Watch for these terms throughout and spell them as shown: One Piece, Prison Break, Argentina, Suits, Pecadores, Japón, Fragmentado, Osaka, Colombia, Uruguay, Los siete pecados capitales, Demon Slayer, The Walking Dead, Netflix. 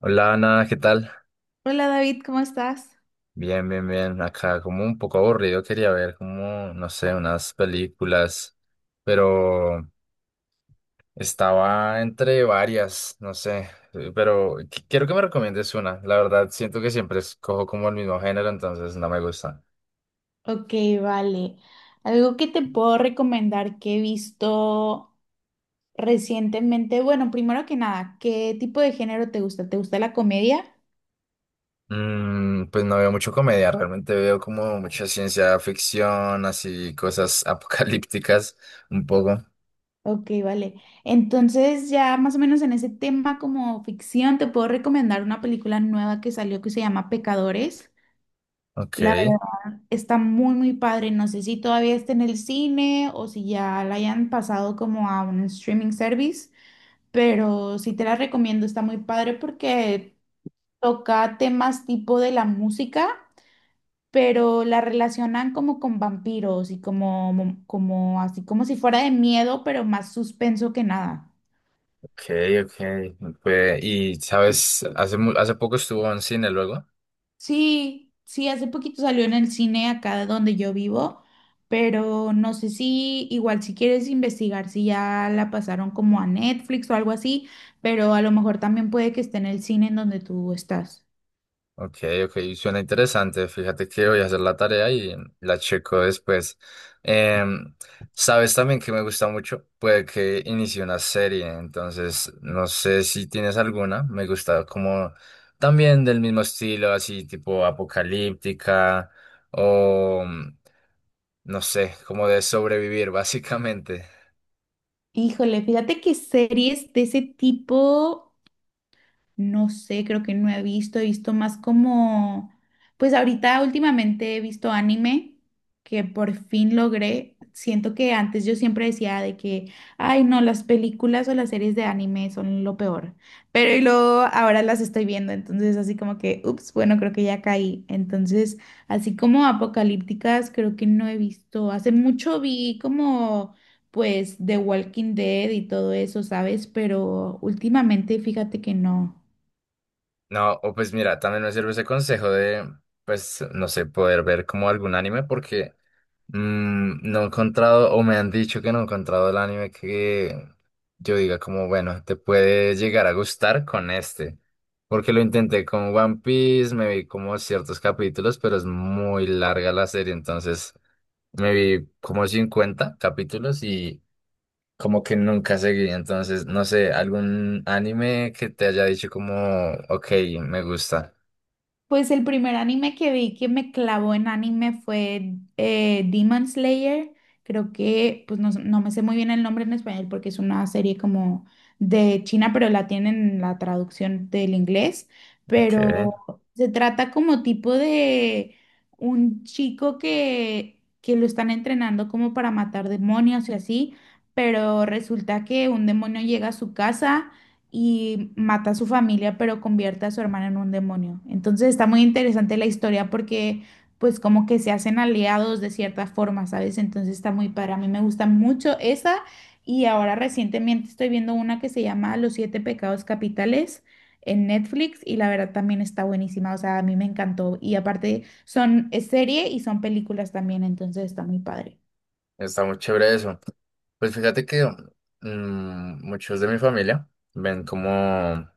Hola Ana, ¿qué tal? Hola David, ¿cómo estás? Bien, bien, bien. Acá como un poco aburrido, quería ver como, no sé, unas películas, pero estaba entre varias, no sé, pero quiero que me recomiendes una. La verdad, siento que siempre escojo como el mismo género, entonces no me gusta. Ok, vale. Algo que te puedo recomendar que he visto recientemente, bueno, primero que nada, ¿qué tipo de género te gusta? ¿Te gusta la comedia? Pues no veo mucho comedia, realmente veo como mucha ciencia ficción, así cosas apocalípticas, un poco. Ok, vale. Entonces ya más o menos en ese tema como ficción te puedo recomendar una película nueva que salió que se llama Pecadores. Ok. La verdad está muy muy padre. No sé si todavía está en el cine o si ya la hayan pasado como a un streaming service. Pero sí te la recomiendo, está muy padre porque toca temas tipo de la música, pero la relacionan como con vampiros y como, como así como si fuera de miedo, pero más suspenso que nada. Ok, ok. Pues, y sabes, hace, hace poco estuvo en cine luego. Sí, sí, hace poquito salió en el cine acá de donde yo vivo, pero no sé si igual si quieres investigar si ya la pasaron como a Netflix o algo así, pero a lo mejor también puede que esté en el cine en donde tú estás. Ok, ok, suena interesante. Fíjate que voy a hacer la tarea y la checo después. Em, sabes también que me gusta mucho, puede que inicie una serie, entonces no sé si tienes alguna. Me gusta como también del mismo estilo, así tipo apocalíptica o no sé, como de sobrevivir básicamente. Híjole, fíjate que series de ese tipo. No sé, creo que no he visto, he visto más como, pues ahorita últimamente he visto anime que por fin logré. Siento que antes yo siempre decía de que, ay, no, las películas o las series de anime son lo peor, pero y luego ahora las estoy viendo, entonces así como que, ups, bueno, creo que ya caí. Entonces, así como apocalípticas, creo que no he visto. Hace mucho vi como pues The Walking Dead y todo eso, ¿sabes? Pero últimamente fíjate que no. No, o pues mira, también me sirve ese consejo de, pues, no sé, poder ver como algún anime porque no he encontrado, o me han dicho que no he encontrado el anime que yo diga como, bueno, te puede llegar a gustar con este. Porque lo intenté con One Piece, me vi como ciertos capítulos, pero es muy larga la serie, entonces me vi como 50 capítulos y como que nunca seguí. Entonces, no sé, algún anime que te haya dicho como, ok, me gusta. Pues el primer anime que vi que me clavó en anime fue Demon Slayer. Creo que, pues no, no me sé muy bien el nombre en español porque es una serie como de China, pero la tienen la traducción del inglés. Ok, Pero se trata como tipo de un chico que lo están entrenando como para matar demonios y así, pero resulta que un demonio llega a su casa y mata a su familia, pero convierte a su hermana en un demonio. Entonces está muy interesante la historia porque pues como que se hacen aliados de cierta forma, ¿sabes? Entonces está muy padre. A mí me gusta mucho esa y ahora recientemente estoy viendo una que se llama Los siete pecados capitales en Netflix y la verdad también está buenísima, o sea, a mí me encantó y aparte son es serie y son películas también, entonces está muy padre. está muy chévere eso. Pues fíjate que muchos de mi familia ven como,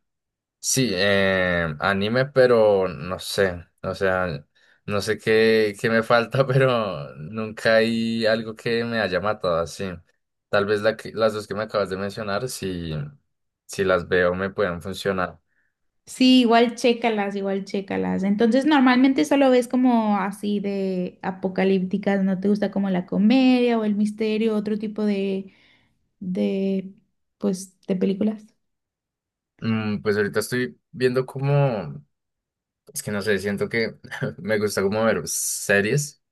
sí, anime, pero no sé, o sea, no sé qué me falta, pero nunca hay algo que me haya matado así. Tal vez la las dos que me acabas de mencionar, si las veo, me pueden funcionar. Sí, igual chécalas, igual chécalas. Entonces, normalmente solo ves como así de apocalípticas, ¿no te gusta como la comedia o el misterio, otro tipo de, pues, de películas? Pues ahorita estoy viendo como, es que no sé, siento que me gusta como ver series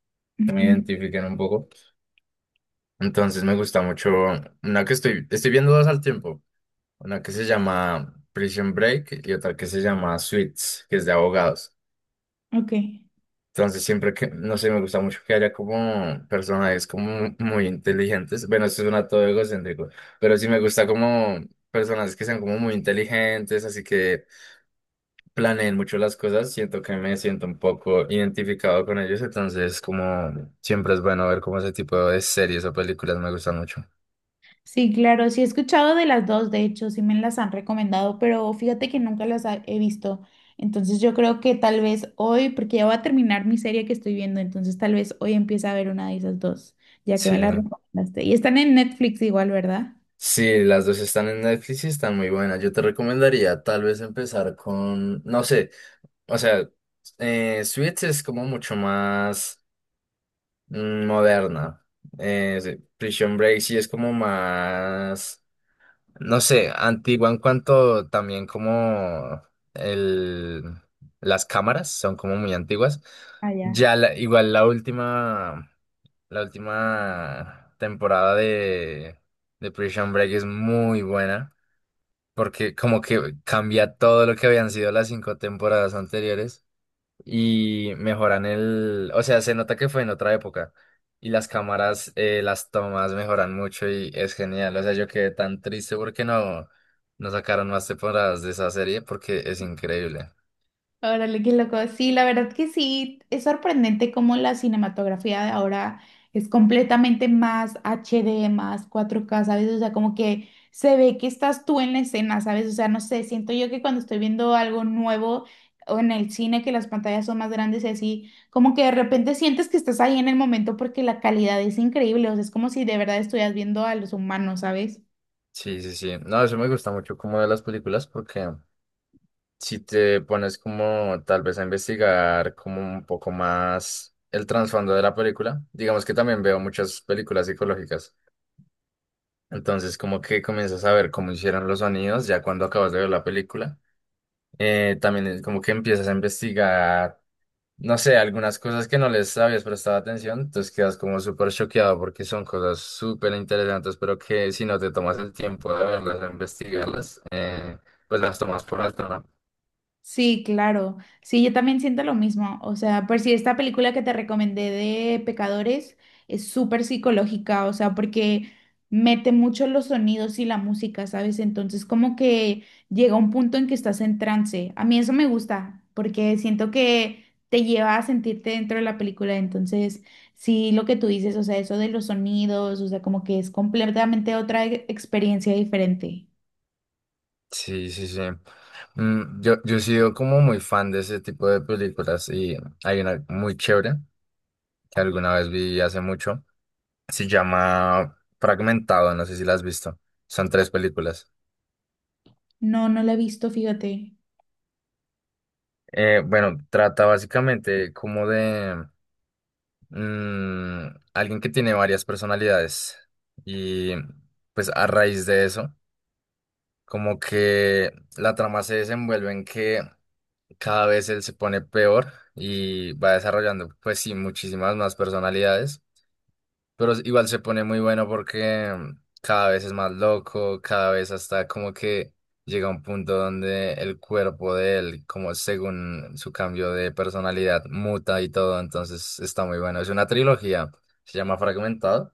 que me identifiquen un poco. Entonces me gusta mucho una que estoy viendo dos al tiempo. Una que se llama Prison Break y otra que se llama Suits, que es de abogados. Ujú, ok. Entonces siempre que, no sé, me gusta mucho que haya como personajes como muy inteligentes. Bueno, esto suena todo egocéntrico, pero sí me gusta como personajes que sean como muy inteligentes, así que planeen mucho las cosas. Siento que me siento un poco identificado con ellos, entonces como siempre es bueno ver como ese tipo de series o películas me gustan mucho. Sí, claro, sí he escuchado de las dos, de hecho, sí me las han recomendado, pero fíjate que nunca las he visto. Entonces, yo creo que tal vez hoy, porque ya voy a terminar mi serie que estoy viendo, entonces tal vez hoy empiece a ver una de esas dos, ya que me Sí. las recomendaste. Y están en Netflix igual, ¿verdad? Sí, las dos están en Netflix y están muy buenas. Yo te recomendaría tal vez empezar con, no sé, o sea, Suits es como mucho más moderna. Sí, Prison Break sí es como más, no sé, antigua en cuanto también como el, las cámaras son como muy antiguas. Ah, ya. Ya igual la última temporada de Prison Break es muy buena porque como que cambia todo lo que habían sido las cinco temporadas anteriores y mejoran el, o sea, se nota que fue en otra época y las cámaras, las tomas mejoran mucho y es genial, o sea, yo quedé tan triste porque no sacaron más temporadas de esa serie porque es increíble. Órale, qué loco. Sí, la verdad que sí, es sorprendente cómo la cinematografía de ahora es completamente más HD más 4K, ¿sabes? O sea, como que se ve que estás tú en la escena, ¿sabes? O sea, no sé, siento yo que cuando estoy viendo algo nuevo o en el cine, que las pantallas son más grandes y así, como que de repente sientes que estás ahí en el momento porque la calidad es increíble, o sea, es como si de verdad estuvieras viendo a los humanos, ¿sabes? Sí, sí, sí, no, eso me gusta mucho como de las películas porque si te pones como tal vez a investigar como un poco más el trasfondo de la película, digamos que también veo muchas películas psicológicas. Entonces, como que comienzas a ver cómo hicieron los sonidos ya cuando acabas de ver la película. También es como que empiezas a investigar, no sé, algunas cosas que no les habías prestado atención, entonces quedas como súper choqueado porque son cosas súper interesantes, pero que si no te tomas el tiempo de verlas, de investigarlas, pues las tomas por alto, ¿no? Sí, claro. Sí, yo también siento lo mismo. O sea, por si esta película que te recomendé de Pecadores es súper psicológica, o sea, porque mete mucho los sonidos y la música, ¿sabes? Entonces, como que llega un punto en que estás en trance. A mí eso me gusta, porque siento que te lleva a sentirte dentro de la película. Entonces, sí, lo que tú dices, o sea, eso de los sonidos, o sea, como que es completamente otra experiencia diferente. Sí, sí, sí. Yo he sido como muy fan de ese tipo de películas y hay una muy chévere que alguna vez vi hace mucho. Se llama Fragmentado, no sé si la has visto. Son tres películas. No, no la he visto, fíjate. Bueno, trata básicamente como de mm, alguien que tiene varias personalidades y pues a raíz de eso, como que la trama se desenvuelve en que cada vez él se pone peor y va desarrollando pues sí muchísimas más personalidades. Pero igual se pone muy bueno porque cada vez es más loco, cada vez hasta como que llega a un punto donde el cuerpo de él, como según su cambio de personalidad, muta y todo, entonces está muy bueno. Es una trilogía, se llama Fragmentado.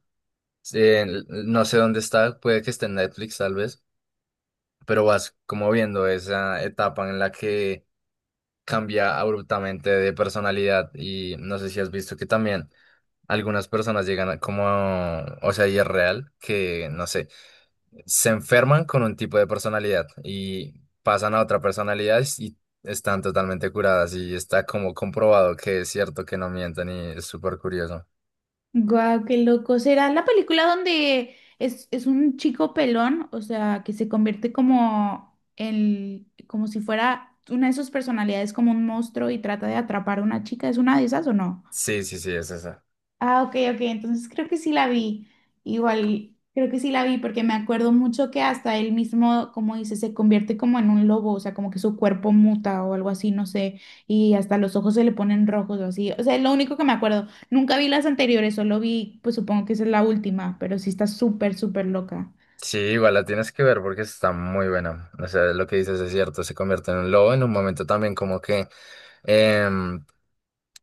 No sé dónde está, puede que esté en Netflix tal vez, pero vas como viendo esa etapa en la que cambia abruptamente de personalidad y no sé si has visto que también. Algunas personas llegan como, o sea, y es real que, no sé, se enferman con un tipo de personalidad y pasan a otra personalidad y están totalmente curadas y está como comprobado que es cierto que no mienten y es súper curioso. Guau, qué loco. ¿Será la película donde es un chico pelón? O sea, que se convierte como el, como si fuera una de sus personalidades como un monstruo y trata de atrapar a una chica. ¿Es una de esas o no? Sí, sí, sí, es eso. Ah, ok, ok, entonces creo que sí la vi. Igual, creo que sí la vi porque me acuerdo mucho que hasta él mismo, como dice, se convierte como en un lobo, o sea, como que su cuerpo muta o algo así, no sé, y hasta los ojos se le ponen rojos o así. O sea, es lo único que me acuerdo. Nunca vi las anteriores, solo vi, pues supongo que esa es la última, pero sí está súper, súper loca. Sí, igual la tienes que ver porque está muy buena. O sea, lo que dices es cierto, se convierte en un lobo en un momento también como que em,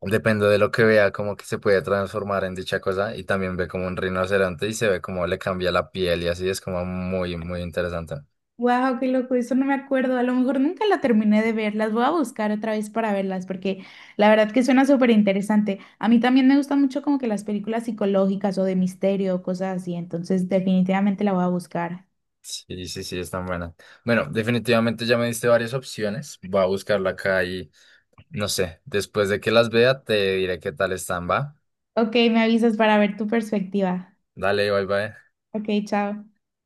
depende de lo que vea, como que se puede transformar en dicha cosa y también ve como un rinoceronte y se ve como le cambia la piel y así es como muy, muy interesante. Wow, qué loco, eso no me acuerdo. A lo mejor nunca la terminé de ver. Las voy a buscar otra vez para verlas, porque la verdad que suena súper interesante. A mí también me gustan mucho como que las películas psicológicas o de misterio, cosas así. Entonces, definitivamente la voy a buscar. Sí, sí, sí, es tan buena. Bueno, definitivamente ya me diste varias opciones. Voy a buscarla acá y no sé, después de que las vea te diré qué tal están, ¿va? Ok, me avisas para ver tu perspectiva. Dale, bye bye. Ok, chao.